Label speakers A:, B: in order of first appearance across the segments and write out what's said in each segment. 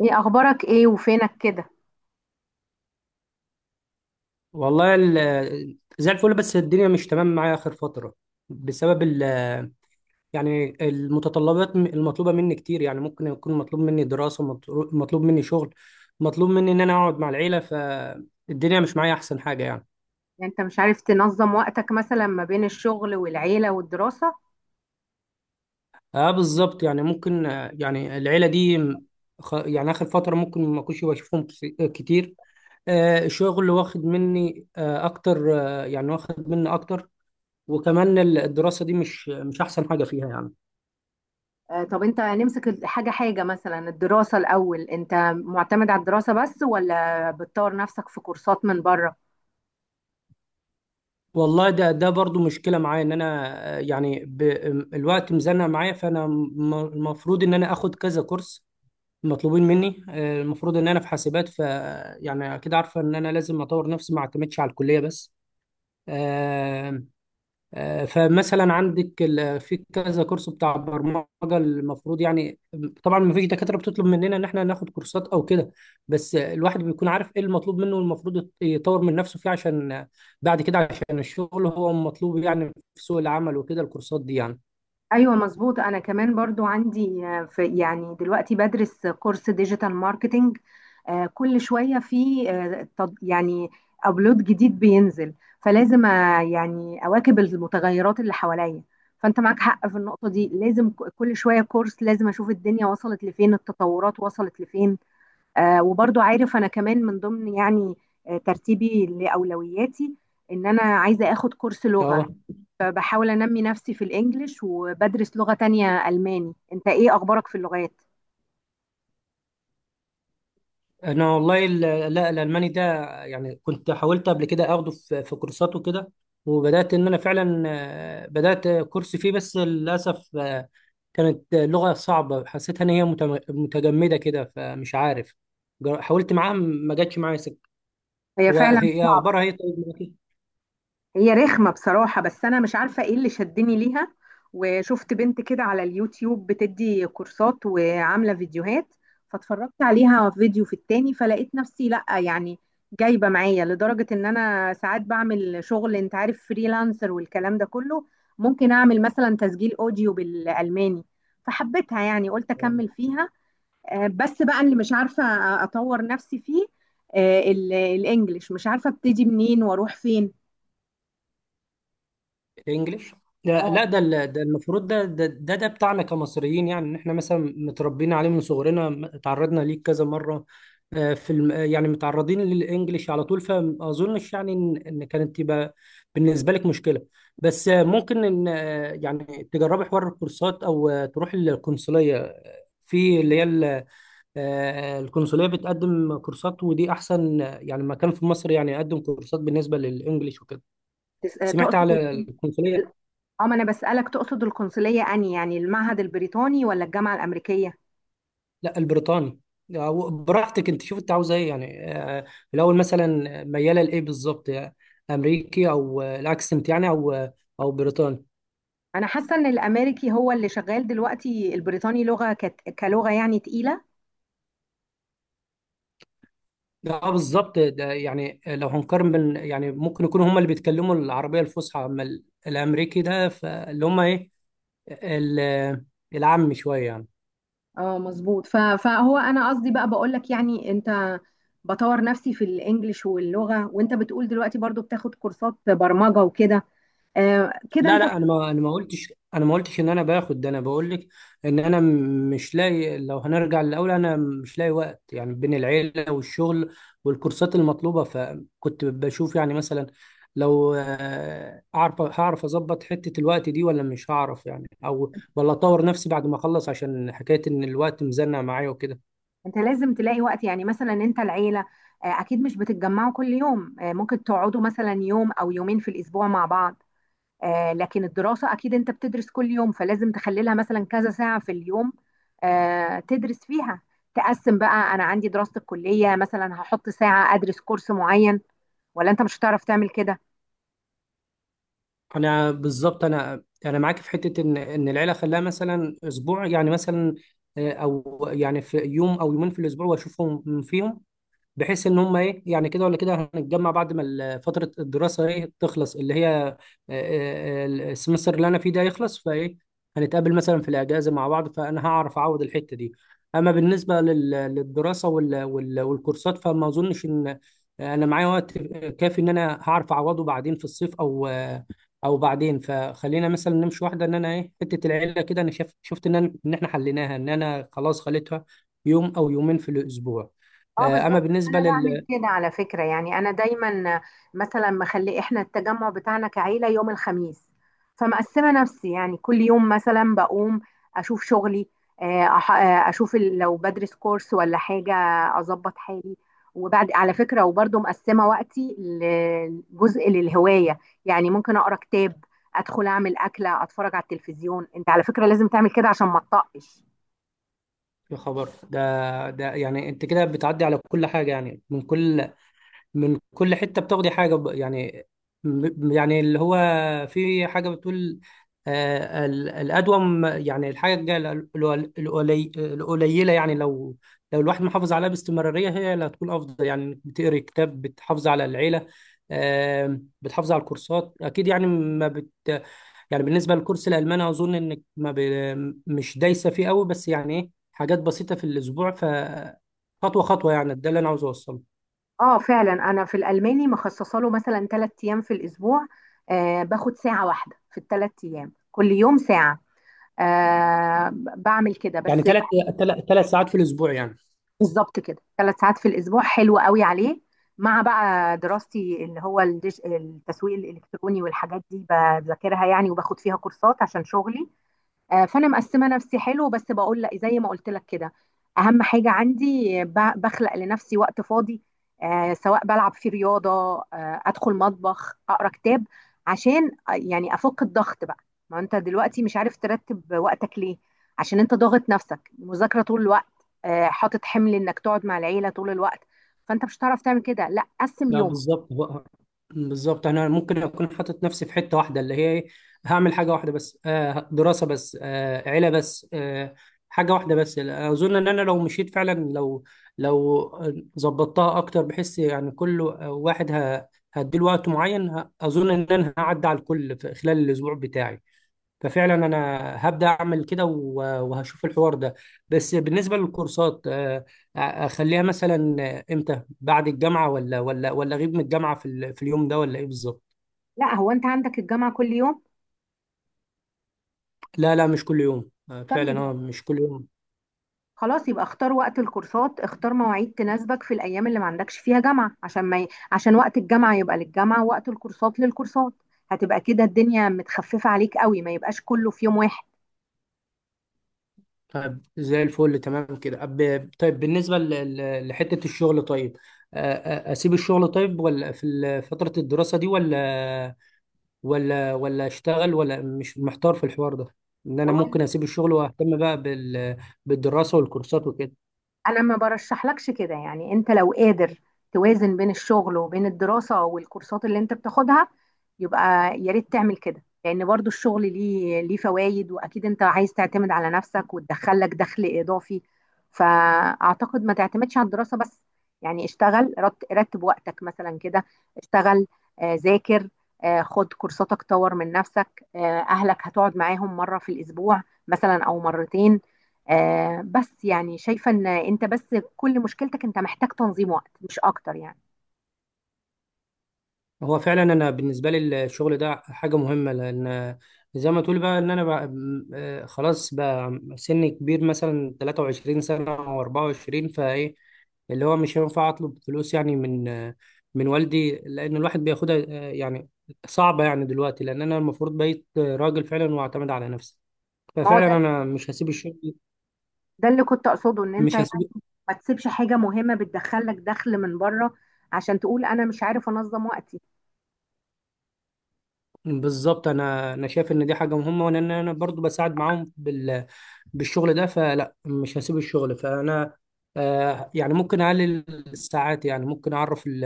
A: ايه اخبارك؟ ايه وفينك كده؟
B: والله، زي الفل، بس الدنيا مش تمام معايا آخر فترة بسبب يعني المتطلبات المطلوبة مني كتير، يعني ممكن يكون مطلوب مني دراسة، مطلوب مني شغل، مطلوب مني إن أنا أقعد مع العيلة، فالدنيا مش معايا أحسن حاجة يعني.
A: يعني انت مش عارف تنظم وقتك مثلا ما بين الشغل والعيلة والدراسة؟
B: أه، بالظبط، يعني ممكن، يعني العيلة دي، يعني آخر فترة ممكن ما أكونش بشوفهم، كتير. الشغل واخد مني، أكتر، يعني واخد مني أكتر. وكمان الدراسة دي مش أحسن حاجة فيها يعني.
A: آه، طب انت نمسك حاجة حاجة مثلا الدراسة الاول. انت معتمد على الدراسة بس ولا بتطور نفسك في كورسات من بره؟
B: والله، ده برضو مشكلة معايا ان انا، يعني، الوقت مزنق معايا، فانا المفروض ان انا اخد كذا كورس مطلوبين مني، المفروض ان انا في حاسبات. ف يعني اكيد عارفة ان انا لازم اطور نفسي، ما اعتمدش على الكلية بس. آه، فمثلا عندك، في كذا كورس بتاع برمجة، المفروض يعني. طبعا ما فيش دكاترة بتطلب مننا ان احنا ناخد كورسات او كده، بس الواحد بيكون عارف ايه المطلوب منه، والمفروض يطور من نفسه فيه عشان بعد كده، عشان الشغل هو مطلوب يعني في سوق العمل وكده، الكورسات دي يعني.
A: ايوه مظبوط. انا كمان برضو عندي، في يعني دلوقتي بدرس كورس ديجيتال ماركتينج. كل شويه في يعني ابلود جديد بينزل، فلازم يعني اواكب المتغيرات اللي حواليا. فانت معاك حق في النقطه دي، لازم كل شويه كورس، لازم اشوف الدنيا وصلت لفين، التطورات وصلت لفين. وبرضو عارف انا كمان من ضمن يعني ترتيبي لاولوياتي ان انا عايزه اخد كورس لغه،
B: اه.
A: فبحاول انمي نفسي في الانجليش وبدرس لغة تانية الماني. انت ايه اخبارك في اللغات؟
B: انا والله، لا، الالماني ده، يعني كنت حاولت قبل كده اخده في كورسات وكده. وبدات ان انا فعلا، بدات كورس فيه، بس للاسف، كانت لغه صعبه، حسيتها ان هي متجمده كده، فمش عارف. حاولت معاها، ما جاتش معايا سكه.
A: هي فعلا
B: هي
A: صعبة.
B: اخبارها هي طيب معاكي؟
A: هي رخمة بصراحة، بس انا مش عارفة ايه اللي شدني ليها. وشفت بنت كده على اليوتيوب بتدي كورسات وعاملة فيديوهات، فاتفرجت عليها فيديو في التاني فلقيت نفسي لا يعني جايبة معايا، لدرجة ان انا ساعات بعمل شغل، انت عارف فريلانسر والكلام ده كله، ممكن اعمل مثلا تسجيل اوديو بالالماني، فحبيتها يعني، قلت اكمل فيها. بس بقى اللي مش عارفة أطور نفسي فيه، الإنجليش مش عارفة أبتدي منين وأروح فين.
B: انجليش. لا،
A: اه،
B: لا، ده المفروض، ده بتاعنا كمصريين، يعني ان احنا مثلا متربيين عليه من صغرنا، اتعرضنا ليه كذا مره. في الم... آه، يعني متعرضين للانجليش على طول، فما اظنش يعني إن كانت تبقى بالنسبه لك مشكله. بس، ممكن ان، يعني تجربي حوار الكورسات، او تروحي للقنصليه، في اللي هي، القنصليه بتقدم كورسات، ودي احسن، يعني مكان في مصر يعني يقدم كورسات بالنسبه للانجليش وكده. سمعت
A: تقصد
B: على
A: ال-
B: القنصليه.
A: اه ما انا بسألك، تقصد القنصلية اني يعني المعهد البريطاني ولا الجامعة الأمريكية؟
B: لا، البريطاني. أو براحتك، انت شوف انت عاوزه ايه يعني، الاول مثلا مياله لايه بالظبط، يعني امريكي، او الاكسنت يعني، او بريطاني.
A: انا حاسة ان الامريكي هو اللي شغال دلوقتي، البريطاني لغة كلغة يعني تقيلة.
B: اه بالظبط، ده يعني لو هنقارن بين، يعني ممكن يكونوا هم اللي بيتكلموا العربيه الفصحى، اما الامريكي ده فاللي هم ايه، ال- العامي شويه يعني.
A: اه مظبوط. فهو انا قصدي بقى بقولك يعني، انت بطور نفسي في الانجليش واللغة، وانت بتقول دلوقتي برضو بتاخد كورسات برمجة وكده. آه كده
B: لا،
A: انت.
B: لا، انا ما قلتش، انا ما قلتش ان انا باخد ده، انا بقول لك ان انا مش لاقي، لو هنرجع للاول، انا مش لاقي وقت، يعني بين العيله والشغل والكورسات المطلوبه، فكنت بشوف يعني مثلا لو، هعرف اظبط حته الوقت دي ولا مش هعرف يعني، او ولا اطور نفسي بعد ما اخلص، عشان حكايه ان الوقت مزنق معايا وكده.
A: انت لازم تلاقي وقت، يعني مثلا انت العيله اكيد مش بتتجمعوا كل يوم، ممكن تقعدوا مثلا يوم او يومين في الاسبوع مع بعض. لكن الدراسه اكيد انت بتدرس كل يوم، فلازم تخلي لها مثلا كذا ساعه في اليوم تدرس فيها. تقسم بقى، انا عندي دراسه الكليه مثلا هحط ساعه ادرس كورس معين، ولا انت مش هتعرف تعمل كده؟
B: انا بالظبط، انا معاك في حته ان العيله خلاها مثلا اسبوع يعني، مثلا او يعني في يوم او يومين في الاسبوع واشوفهم فيهم، بحيث ان هم ايه، يعني كده ولا كده هنتجمع بعد ما فتره الدراسه ايه تخلص، اللي هي، السمستر اللي انا فيه ده يخلص، فايه هنتقابل مثلا في الاجازه مع بعض، فانا هعرف اعوض الحته دي. اما بالنسبه للدراسه والكورسات، فما اظنش ان، انا معايا وقت كافي ان انا هعرف اعوضه بعدين في الصيف، او، بعدين، فخلينا مثلا نمشي واحده ان انا ايه، حته العيله كده انا شفت ان احنا حليناها، ان انا خلاص خليتها يوم او يومين في الاسبوع.
A: اه
B: اما
A: بالظبط.
B: بالنسبه
A: انا بعمل كده على فكره، يعني انا دايما مثلا مخلي احنا التجمع بتاعنا كعيله يوم الخميس، فمقسمه نفسي يعني كل يوم مثلا بقوم اشوف شغلي، اشوف لو بدرس كورس ولا حاجه، اظبط حالي. وبعد على فكره وبرضه مقسمه وقتي لجزء للهوايه، يعني ممكن اقرا كتاب، ادخل اعمل اكله، اتفرج على التلفزيون. انت على فكره لازم تعمل كده عشان ما تطقش.
B: يا خبر، ده يعني انت كده بتعدي على كل حاجه، يعني من كل حته بتاخدي حاجه، يعني، يعني اللي هو في حاجه بتقول، الادوم، يعني الحاجه القليله، يعني لو الواحد محافظ عليها باستمراريه، هي اللي هتكون افضل، يعني إنك بتقري كتاب، بتحافظ على العيله، بتحافظ على الكورسات اكيد، يعني ما بت يعني بالنسبه للكورس الالماني، اظن انك ما ب... مش دايسه فيه قوي، بس يعني ايه، حاجات بسيطه في الاسبوع، ف خطوه خطوه، يعني ده اللي انا عاوز اوصله.
A: اه فعلا، انا في الالماني مخصصه له مثلا 3 ايام في الاسبوع، باخد ساعه واحده في الثلاث ايام، كل يوم ساعه. آه بعمل كده
B: يعني
A: بس.
B: 3 ساعات في الاسبوع يعني.
A: بالظبط كده، 3 ساعات في الاسبوع حلو قوي عليه، مع بقى دراستي اللي هو التسويق الالكتروني والحاجات دي بذاكرها يعني، وباخد فيها كورسات عشان شغلي. فانا مقسمه نفسي حلو، بس بقول لا زي ما قلت لك كده، اهم حاجه عندي بخلق لنفسي وقت فاضي، سواء بلعب في رياضه، ادخل مطبخ اقرا كتاب، عشان يعني افك الضغط بقى. ما انت دلوقتي مش عارف ترتب وقتك ليه؟ عشان انت ضاغط نفسك مذاكره طول الوقت، حاطط حمل انك تقعد مع العيله طول الوقت، فانت مش هتعرف تعمل كده. لا، قسم
B: لا
A: يومك.
B: بالظبط، بالظبط انا ممكن اكون حاطط نفسي في حته واحده، اللي هي إيه؟ هعمل حاجه واحده بس، دراسه بس، عيله بس، حاجه واحده بس، اظن ان انا لو مشيت فعلا، لو ظبطتها اكتر، بحس يعني كل واحد، هديله وقت معين، اظن ان انا هعدي على الكل في خلال الاسبوع بتاعي. ففعلا انا هبدا اعمل كده، وهشوف الحوار ده. بس بالنسبه للكورسات، اخليها مثلا امتى؟ بعد الجامعه؟ ولا اغيب من الجامعه في اليوم ده؟ ولا ايه بالظبط؟
A: لا، هو انت عندك الجامعه كل يوم؟
B: لا، لا، مش كل يوم،
A: طيب
B: فعلا، اه، مش كل يوم.
A: خلاص، يبقى اختار وقت الكورسات، اختار مواعيد تناسبك في الايام اللي ما عندكش فيها جامعه، عشان ما ي... عشان وقت الجامعه يبقى للجامعه، ووقت الكورسات للكورسات. هتبقى كده الدنيا متخففه عليك قوي، ما يبقاش كله في يوم واحد.
B: طيب زي الفل، تمام كده، طيب بالنسبه لحته الشغل، طيب، آه، اسيب الشغل طيب، ولا في فتره الدراسه دي، ولا ولا اشتغل، ولا، مش محتار في الحوار ده، ان انا ممكن
A: والله
B: اسيب الشغل واهتم بقى، بالدراسه والكورسات وكده.
A: انا ما برشحلكش كده، يعني انت لو قادر توازن بين الشغل وبين الدراسة والكورسات اللي انت بتاخدها، يبقى يا ريت تعمل كده، لان برضو الشغل ليه فوائد، واكيد انت عايز تعتمد على نفسك وتدخلك دخل اضافي، فاعتقد ما تعتمدش على الدراسة بس. يعني اشتغل، رتب وقتك مثلا كده. اشتغل، ذاكر، خد كورساتك طور من نفسك، اهلك هتقعد معاهم مرة في الاسبوع مثلا او مرتين. بس يعني شايفة ان انت بس كل مشكلتك انت محتاج تنظيم وقت مش اكتر يعني.
B: هو فعلا انا بالنسبه لي الشغل ده حاجه مهمه، لان زي ما تقول بقى ان انا بقى، خلاص، بقى سن كبير مثلا 23 سنه او 24، فايه اللي هو مش هينفع اطلب فلوس يعني من والدي، لان الواحد بياخدها، يعني صعبه، يعني دلوقتي لان انا المفروض بقيت راجل فعلا واعتمد على نفسي،
A: ما هو
B: ففعلا
A: ده.
B: انا مش هسيب الشغل.
A: ده اللي كنت اقصده، ان انت
B: مش
A: يعني
B: هسيب.
A: ما تسيبش حاجة مهمة بتدخلك دخل من بره عشان تقول انا مش عارف انظم وقتي.
B: بالظبط، انا شايف ان دي حاجه مهمه، وان انا برضو بساعد معاهم بالشغل ده، فلا مش هسيب الشغل، فانا يعني ممكن اقلل الساعات، يعني ممكن اعرف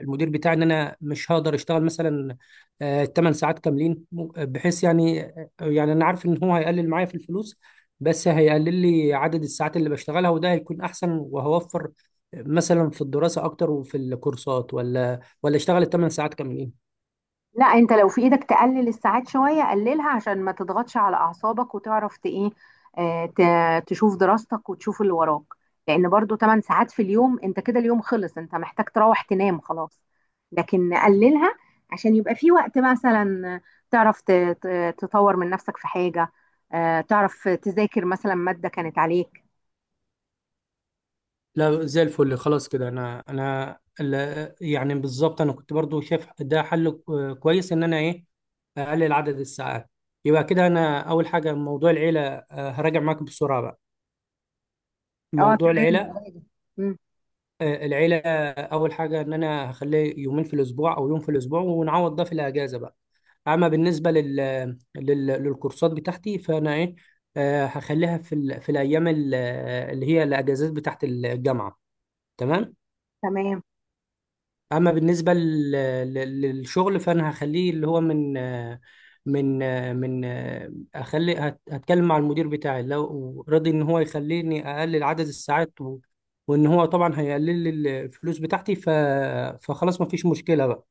B: المدير بتاعي ان انا مش هقدر اشتغل مثلا 8 ساعات كاملين، بحيث يعني، انا عارف ان هو هيقلل معايا في الفلوس، بس هيقلل لي عدد الساعات اللي بشتغلها، وده هيكون احسن، وهوفر مثلا في الدراسه اكتر وفي الكورسات، ولا اشتغل 8 ساعات كاملين.
A: لا، انت لو في ايدك تقلل الساعات شوية قللها عشان ما تضغطش على اعصابك، وتعرف ايه، تشوف دراستك وتشوف اللي وراك، لان برضو 8 ساعات في اليوم انت كده اليوم خلص، انت محتاج تروح تنام خلاص. لكن نقللها عشان يبقى في وقت مثلا تعرف تطور من نفسك في حاجة، تعرف تذاكر مثلا مادة كانت عليك.
B: لا، زي الفل، خلاص كده، يعني بالظبط انا كنت برضو شايف ده حل كويس ان انا ايه، اقلل عدد الساعات. يبقى كده انا اول حاجه موضوع العيله، هراجع معاك بسرعه بقى
A: اه
B: موضوع
A: تمام يا
B: العيله،
A: غادة. مم،
B: العيله، اول حاجه ان انا هخليه يومين في الاسبوع او يوم في الاسبوع، ونعوض ده في الاجازه بقى. اما بالنسبه للكورسات بتاعتي، فانا ايه، هخليها في الايام اللي هي الاجازات بتاعت الجامعه. تمام.
A: تمام.
B: اما بالنسبه للشغل، فانا هخليه اللي هو من من هتكلم مع المدير بتاعي، لو رضي ان هو يخليني اقلل عدد الساعات، وان هو طبعا هيقلل لي الفلوس بتاعتي، ف فخلاص ما فيش مشكله بقى.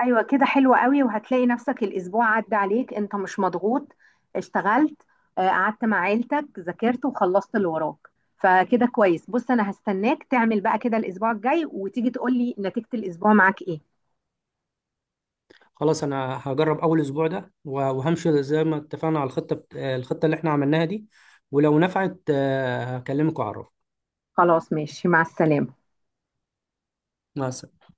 A: ايوه كده، حلوة قوي. وهتلاقي نفسك الاسبوع عدى عليك انت مش مضغوط، اشتغلت، قعدت مع عيلتك، ذاكرت وخلصت اللي وراك. فكده كويس. بص انا هستناك تعمل بقى كده الاسبوع الجاي، وتيجي تقولي نتيجة الاسبوع معاك ايه.
B: خلاص، انا هجرب اول اسبوع ده، وهمشي زي ما اتفقنا على الخطه، الخطه اللي احنا عملناها دي، ولو نفعت، هكلمك واعرفك.
A: خلاص ماشي، مع السلامة.
B: مع